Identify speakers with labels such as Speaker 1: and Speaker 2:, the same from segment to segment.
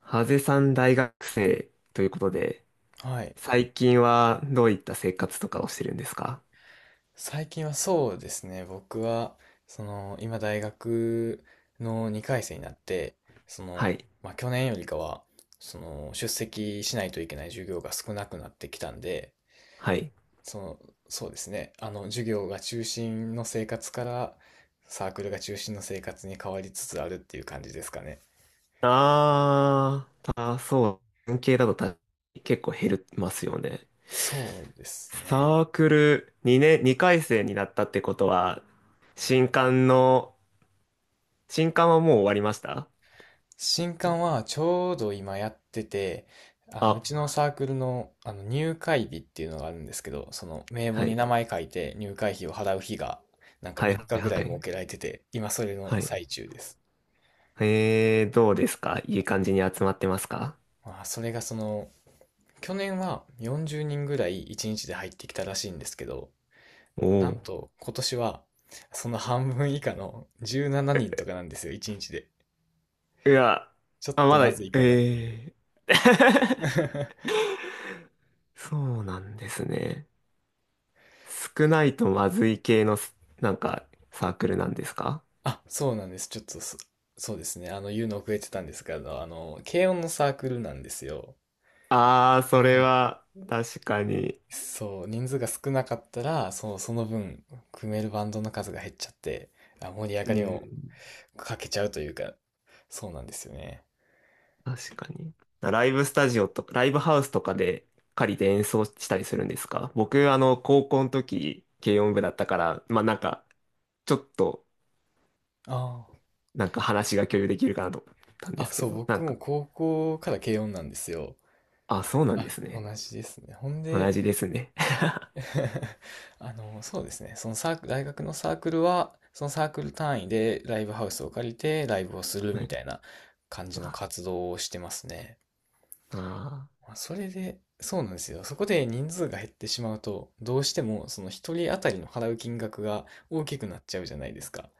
Speaker 1: ハゼさん大学生ということで、
Speaker 2: はい。
Speaker 1: 最近はどういった生活とかをしてるんですか？
Speaker 2: 最近はそうですね。僕は、今大学の2回生になって、その、
Speaker 1: はい。
Speaker 2: まあ、去年よりかは、出席しないといけない授業が少なくなってきたんで、
Speaker 1: はい。
Speaker 2: その、そうですね。授業が中心の生活から、サークルが中心の生活に変わりつつあるっていう感じですかね。
Speaker 1: あー、あ、そう。文系だと結構減りますよね。
Speaker 2: そうですね。
Speaker 1: サークル2年、2回生になったってことは、新刊の、新刊はもう終わりました？
Speaker 2: 新刊はちょうど今やってて、うちの
Speaker 1: あ、
Speaker 2: サークルの、あの入会日っていうのがあるんですけど、その名簿
Speaker 1: は
Speaker 2: に
Speaker 1: い。
Speaker 2: 名前書いて入会費を払う日が、なんか
Speaker 1: は
Speaker 2: 3
Speaker 1: いはい
Speaker 2: 日ぐ
Speaker 1: は
Speaker 2: らい設
Speaker 1: い。
Speaker 2: けられてて、今それの
Speaker 1: はい。
Speaker 2: 最中です。
Speaker 1: どうですか、いい感じに集まってますか？
Speaker 2: まあ、それが去年は40人ぐらい1日で入ってきたらしいんですけど、
Speaker 1: おお
Speaker 2: なん
Speaker 1: ー。
Speaker 2: と今年はその半分以下の17人とかなんですよ、1日で。
Speaker 1: いや、
Speaker 2: ちょっ
Speaker 1: あ、
Speaker 2: と
Speaker 1: まだ、
Speaker 2: ま
Speaker 1: え
Speaker 2: ずいかなっていう。
Speaker 1: え。 そうなんですね。少ないとまずい系のなんか、サークルなんですか？
Speaker 2: あ、そうなんです。ちょっとそ、そうですね。言うの遅れてたんですけど、軽音のサークルなんですよ。
Speaker 1: ああー、そ
Speaker 2: は
Speaker 1: れ
Speaker 2: い。
Speaker 1: は、確かに。
Speaker 2: そう、人数が少なかったら、そう、その分、組めるバンドの数が減っちゃって、あ、盛り上
Speaker 1: う
Speaker 2: がりを
Speaker 1: ん、
Speaker 2: かけちゃうというか、そうなんですよね。
Speaker 1: 確かに。ライブスタジオとか、ライブハウスとかで借りて演奏したりするんですか？僕、高校の時、軽音部だったから、まあなんか、ちょっと、
Speaker 2: あ
Speaker 1: なんか話が共有できるかなと思ったん
Speaker 2: あ、
Speaker 1: で
Speaker 2: あ、
Speaker 1: すけ
Speaker 2: そう、
Speaker 1: ど、な
Speaker 2: 僕
Speaker 1: ん
Speaker 2: も
Speaker 1: か。
Speaker 2: 高校から軽音なんですよ。
Speaker 1: あ、そうなんで
Speaker 2: あ、
Speaker 1: す
Speaker 2: 同
Speaker 1: ね。
Speaker 2: じですね。ほん
Speaker 1: 同
Speaker 2: で、
Speaker 1: じですね。
Speaker 2: そうですね。そのサーク、大学のサークルは、そのサークル単位でライブハウスを借りてライブをするみたい な感じの
Speaker 1: あ
Speaker 2: 活動をしてますね。
Speaker 1: あ
Speaker 2: まあそれで、そうなんですよ。そこで人数が減ってしまうと、どうしてもその一人当たりの払う金額が大きくなっちゃうじゃないですか。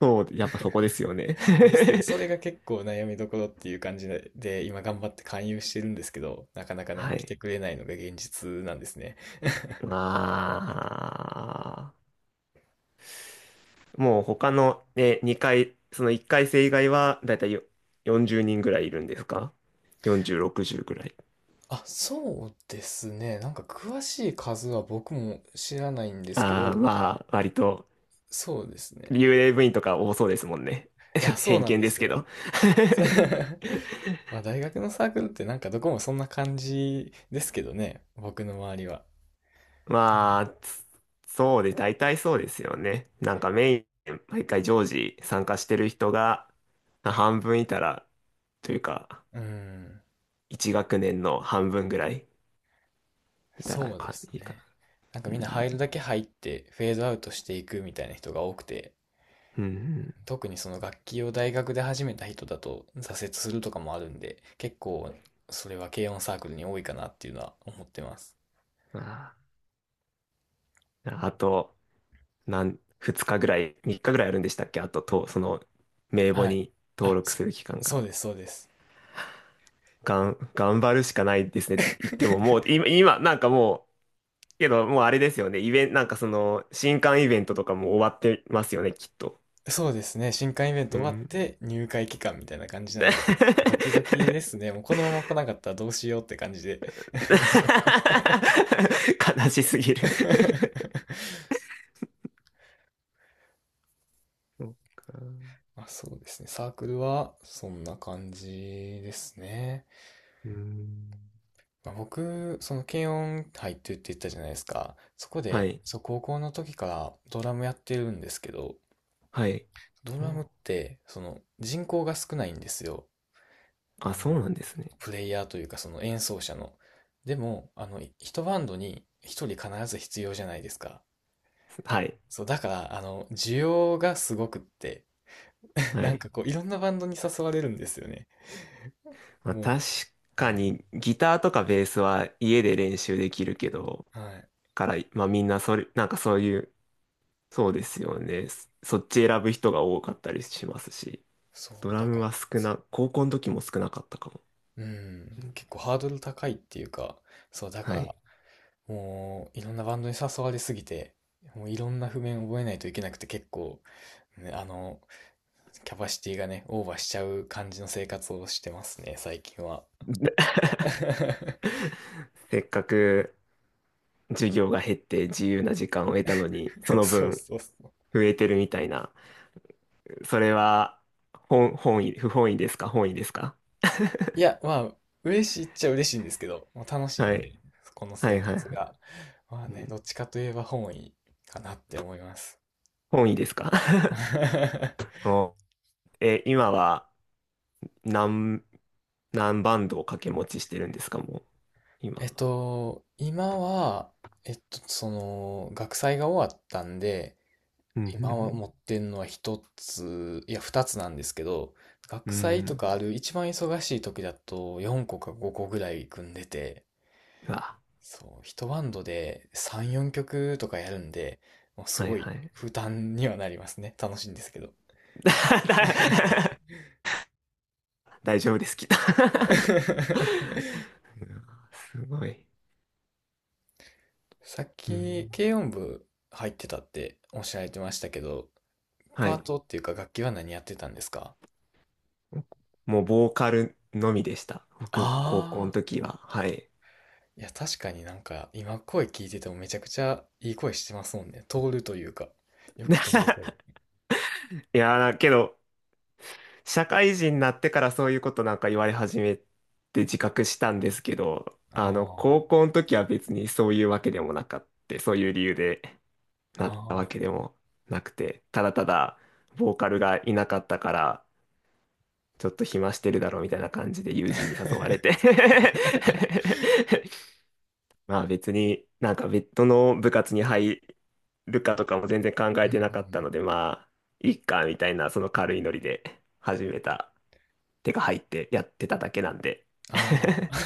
Speaker 1: ー、そう、やっぱそこですよね。
Speaker 2: ですよ。そ れが結構悩みどころっていう感じで、で今頑張って勧誘してるんですけど、なかなかね、
Speaker 1: は
Speaker 2: 来
Speaker 1: い。
Speaker 2: てくれないのが現実なんですね。
Speaker 1: まあ、もう他の、ね、2回、その1回生以外は、だいたい40人ぐらいいるんですか？ 40、60ぐらい。
Speaker 2: あ、そうですね。なんか詳しい数は僕も知らないんですけど、
Speaker 1: ああ、まあ、割と、
Speaker 2: そうですね。
Speaker 1: 幽霊部員とか多そうですもんね。
Speaker 2: い
Speaker 1: ちょっ
Speaker 2: や、
Speaker 1: と
Speaker 2: そう
Speaker 1: 偏
Speaker 2: なん
Speaker 1: 見
Speaker 2: で
Speaker 1: です
Speaker 2: す
Speaker 1: け
Speaker 2: よ。
Speaker 1: ど。
Speaker 2: まあ大学のサークルってなんかどこもそんな感じですけどね、僕の周りは。
Speaker 1: まあ、そうで、大体そうですよね。なんかメイン、毎回常時参加してる人が、半分いたら、というか、
Speaker 2: うん、
Speaker 1: 一学年の半分ぐらいいたら
Speaker 2: そうで
Speaker 1: か、
Speaker 2: す
Speaker 1: いいか
Speaker 2: ね。なんか
Speaker 1: な。
Speaker 2: み
Speaker 1: う
Speaker 2: んな入る
Speaker 1: ん。
Speaker 2: だけ入ってフェードアウトしていくみたいな人が多くて、
Speaker 1: うん
Speaker 2: 特にその楽器を大学で始めた人だと挫折するとかもあるんで、結構それは軽音サークルに多いかなっていうのは思ってます。
Speaker 1: うん。ああ、あと、二日ぐらい、三日ぐらいあるんでしたっけ？あと、名簿
Speaker 2: はい。
Speaker 1: に登
Speaker 2: あ、
Speaker 1: 録
Speaker 2: そ、
Speaker 1: する期間
Speaker 2: そ
Speaker 1: が。
Speaker 2: うです、そうです。
Speaker 1: 頑張るしかないですねって言っても、もう、今、なんかもう、けど、もうあれですよね。イベント、なんかその、新刊イベントとかも終わってますよね、きっと。
Speaker 2: そうですね。新刊イベン
Speaker 1: う
Speaker 2: ト終わっ
Speaker 1: ん。
Speaker 2: て入会期間みたいな感じなんで、ドキドキ ですね。もうこのまま来なかったらどうしようって感じで。
Speaker 1: 悲しすぎる。 そっか。
Speaker 2: まあ、そうですね。サークルはそんな感じですね。
Speaker 1: うん
Speaker 2: まあ、僕、その軽音入ってるって言ったじゃないですか。そこ
Speaker 1: は
Speaker 2: で、
Speaker 1: い。
Speaker 2: そう、高校の時からドラムやってるんですけど、
Speaker 1: はい。
Speaker 2: ド
Speaker 1: う
Speaker 2: ラム
Speaker 1: ん
Speaker 2: って、その人口が少ないんですよ。
Speaker 1: あ、
Speaker 2: あ
Speaker 1: そう
Speaker 2: の、
Speaker 1: なんですね。
Speaker 2: プレイヤーというかその演奏者の。でも、一バンドに一人必ず必要じゃないですか。
Speaker 1: はい。
Speaker 2: そう、だから、需要がすごくって、
Speaker 1: は
Speaker 2: なん
Speaker 1: い。
Speaker 2: かこう、いろんなバンドに誘われるんですよね。
Speaker 1: まあ、
Speaker 2: も
Speaker 1: 確
Speaker 2: う、は
Speaker 1: か
Speaker 2: い。
Speaker 1: にギターとかベースは家で練習できるけど、
Speaker 2: はい。
Speaker 1: から、まあみんなそれ、なんかそういう、そうですよね。そっち選ぶ人が多かったりしますし、
Speaker 2: そ
Speaker 1: ド
Speaker 2: う、
Speaker 1: ラ
Speaker 2: だ
Speaker 1: ム
Speaker 2: から、
Speaker 1: は
Speaker 2: そ
Speaker 1: 高校の時も少なかったかも。
Speaker 2: ううん、
Speaker 1: うん
Speaker 2: 結構ハードル高いっていうか、そう、だか
Speaker 1: は
Speaker 2: ら、
Speaker 1: い。
Speaker 2: もう、いろんなバンドに誘われすぎて、もういろんな譜面覚えないといけなくて結構、ね、キャパシティがね、オーバーしちゃう感じの生活をしてますね、最近は。
Speaker 1: せっかく授業が減って自由な時間を得たのに、その
Speaker 2: そう
Speaker 1: 分
Speaker 2: そうそう。
Speaker 1: 増えてるみたいな。それは本意、不本意ですか？本意ですか？
Speaker 2: いや、まあ、嬉しいっちゃ嬉しいんですけど、もう楽しい
Speaker 1: は
Speaker 2: ん
Speaker 1: い。
Speaker 2: で、この
Speaker 1: は
Speaker 2: 生
Speaker 1: いはい
Speaker 2: 活
Speaker 1: はい。
Speaker 2: が。まあ
Speaker 1: う
Speaker 2: ね、
Speaker 1: ん
Speaker 2: どっちかといえば本位かなって思います。
Speaker 1: 本意ですか？ お、今は何、何バンドを掛け持ちしてるんですか、もう、今。
Speaker 2: 今は、学祭が終わったんで、
Speaker 1: うん、う
Speaker 2: 今
Speaker 1: ん、
Speaker 2: 持ってんのは一つ、いや二つなんですけど、
Speaker 1: う
Speaker 2: 学
Speaker 1: ん。う
Speaker 2: 祭と
Speaker 1: ん
Speaker 2: かある一番忙しい時だと4個か5個ぐらい組んでて、
Speaker 1: うわ、
Speaker 2: そう、一バンドで3、4曲とかやるんで、もうす
Speaker 1: はい
Speaker 2: ご
Speaker 1: は
Speaker 2: い
Speaker 1: い。
Speaker 2: 負担にはなりますね。楽しいんですけど。
Speaker 1: 大丈夫です、きっと。 うわすごい。
Speaker 2: さっ
Speaker 1: うん。
Speaker 2: き軽音部入ってたっておっしゃられてましたけど、
Speaker 1: は
Speaker 2: パー
Speaker 1: い。
Speaker 2: トっていうか楽器は何やってたんですか？
Speaker 1: もう、ボーカルのみでした。僕、高校
Speaker 2: あ
Speaker 1: の時は。はい。
Speaker 2: いや、確かになんか、今声聞いててもめちゃくちゃいい声してますもんね。通るというか。よく通る声。
Speaker 1: いやー、けど、社会人になってからそういうことなんか言われ始めて自覚したんですけど、
Speaker 2: あ
Speaker 1: 高校の時は別にそういうわけでもなかって、そういう理由で
Speaker 2: あ、
Speaker 1: なったわ
Speaker 2: あ
Speaker 1: けで
Speaker 2: あ。
Speaker 1: もなくて、ただただボーカルがいなかったから、ちょっと暇してるだろうみたいな感じで友人に誘われて。 まあ別になんか別途の部活に入るかとかも全然考
Speaker 2: う
Speaker 1: え
Speaker 2: んうんう
Speaker 1: てなかった
Speaker 2: ん。
Speaker 1: ので、まあ、いっかみたいなその軽いノリで始めた手が入ってやってただけなんで。
Speaker 2: あ あ。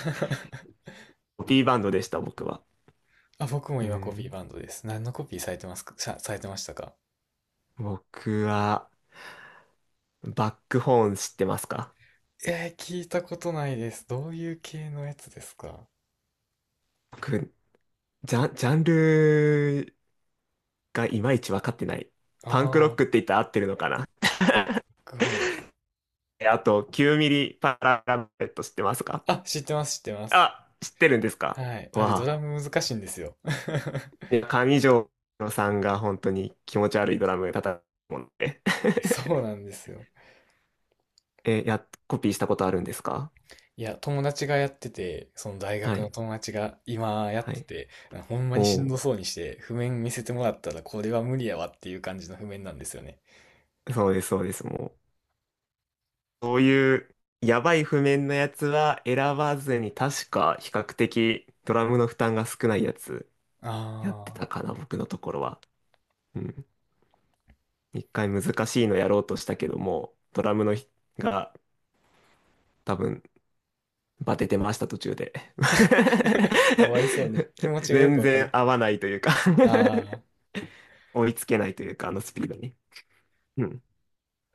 Speaker 1: コピーバンドでした、僕は。
Speaker 2: あ、僕も
Speaker 1: う
Speaker 2: 今コピー
Speaker 1: ん。
Speaker 2: バンドです。何のコピーされてますか、されてましたか？
Speaker 1: 僕は、バックホーン知ってますか？
Speaker 2: えー、聞いたことないです。どういう系のやつですか？
Speaker 1: 僕、ジャンルがいまいち分かってない。
Speaker 2: あ
Speaker 1: パンクロッ
Speaker 2: あ、
Speaker 1: クって言ったら合ってるのかな？
Speaker 2: クホン。
Speaker 1: あと、9ミリパララベット知ってますか？
Speaker 2: あ、知ってます、知ってます。
Speaker 1: あ、知ってるんですか？
Speaker 2: はい。あれ、ド
Speaker 1: わ
Speaker 2: ラム難しいんですよ。
Speaker 1: あ。いや、上条さんが本当に気持ち悪いドラム叩くもんで。
Speaker 2: そうなんですよ。
Speaker 1: え、や、コピーしたことあるんですか？
Speaker 2: いや、友達がやってて、その大
Speaker 1: は
Speaker 2: 学の
Speaker 1: い。
Speaker 2: 友達が今やっ
Speaker 1: は
Speaker 2: て
Speaker 1: い。
Speaker 2: て、ほんま
Speaker 1: お
Speaker 2: にしんど
Speaker 1: お。
Speaker 2: そうにして、譜面見せてもらったらこれは無理やわっていう感じの譜面なんですよね。
Speaker 1: そうです、そうです、もう。そういうやばい譜面のやつは選ばずに、確か比較的ドラムの負担が少ないやつやって
Speaker 2: ああ。
Speaker 1: たかな、僕のところは。うん。一回難しいのやろうとしたけども、ドラムのひが多分バテてました途中で。
Speaker 2: かわいそうに。気持 ちがよく
Speaker 1: 全
Speaker 2: わか
Speaker 1: 然
Speaker 2: る。
Speaker 1: 合わないというか、
Speaker 2: ああ。
Speaker 1: 追いつけないというか、あのスピードに。うん。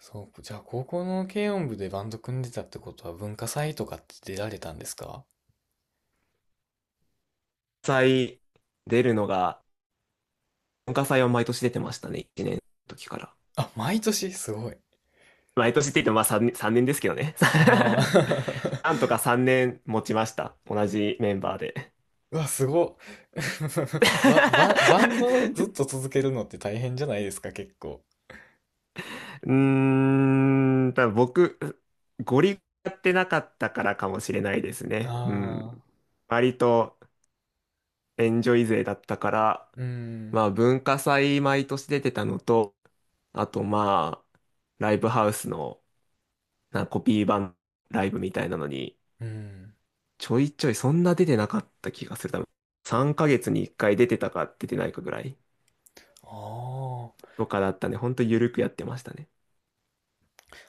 Speaker 2: そう、じゃあ高校の軽音部でバンド組んでたってことは文化祭とかって出られたんですか？
Speaker 1: 祭出るのが、文化祭は毎年出てましたね、1年の時から。
Speaker 2: あ、毎年すごい。
Speaker 1: 毎年って言ってもまあ3年ですけどね。
Speaker 2: ああ。
Speaker 1: なんとか3年持ちました。同じメンバーで。
Speaker 2: うわ、すごっ。バンドずっと 続けるのって大変じゃないですか、結構。
Speaker 1: うーん、多分僕、ゴリやってなかったからかもしれないです
Speaker 2: あ
Speaker 1: ね。うん。
Speaker 2: あ、
Speaker 1: 割とエンジョイ勢だったから、
Speaker 2: うん、
Speaker 1: まあ文化祭毎年出てたのと、あとまあ、ライブハウスのなんかコピー版ライブみたいなのに
Speaker 2: うん。
Speaker 1: ちょいちょいそんな出てなかった気がする。多分3ヶ月に1回出てたか出てないかぐらい
Speaker 2: あ
Speaker 1: とかだったね。ほんとゆるくやってましたね。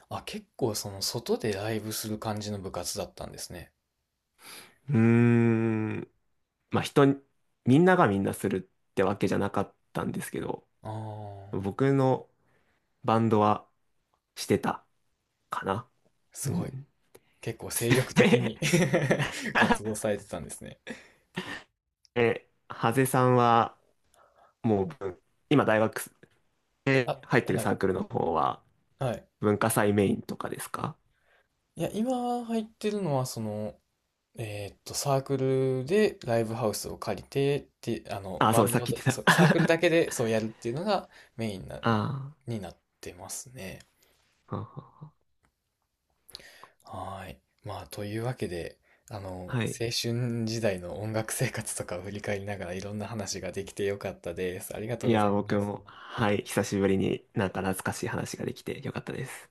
Speaker 2: あ。あ、結構その外でライブする感じの部活だったんですね。
Speaker 1: うーん。まあみんながみんなするってわけじゃなかったんですけど、
Speaker 2: ああ、
Speaker 1: 僕のバンドはしてたかな。う
Speaker 2: すごい。
Speaker 1: ん。
Speaker 2: 結構精力 的に 活動されてたんですね。
Speaker 1: ハゼさんはもう今大学で
Speaker 2: あ、
Speaker 1: 入ってる
Speaker 2: はい。
Speaker 1: サークルの方は
Speaker 2: はい。
Speaker 1: 文化祭メインとかですか？
Speaker 2: いや、今入ってるのはその、サークルでライブハウスを借りてって、
Speaker 1: あ、
Speaker 2: バ
Speaker 1: そう、
Speaker 2: ン
Speaker 1: さっ
Speaker 2: ド
Speaker 1: き
Speaker 2: だ、
Speaker 1: 言っ
Speaker 2: そ
Speaker 1: て
Speaker 2: う
Speaker 1: た。
Speaker 2: サーク ルだけでそうやるっていうのがメインな、
Speaker 1: あ
Speaker 2: になってますね。
Speaker 1: あ、はんはん
Speaker 2: はーい。まあ、というわけで、
Speaker 1: はい。
Speaker 2: 青春時代の音楽生活とかを振り返りながらいろんな話ができてよかったです。ありがとう
Speaker 1: い
Speaker 2: ござ
Speaker 1: や、
Speaker 2: いま
Speaker 1: 僕
Speaker 2: す。
Speaker 1: も、はい、久しぶりになんか懐かしい話ができてよかったです。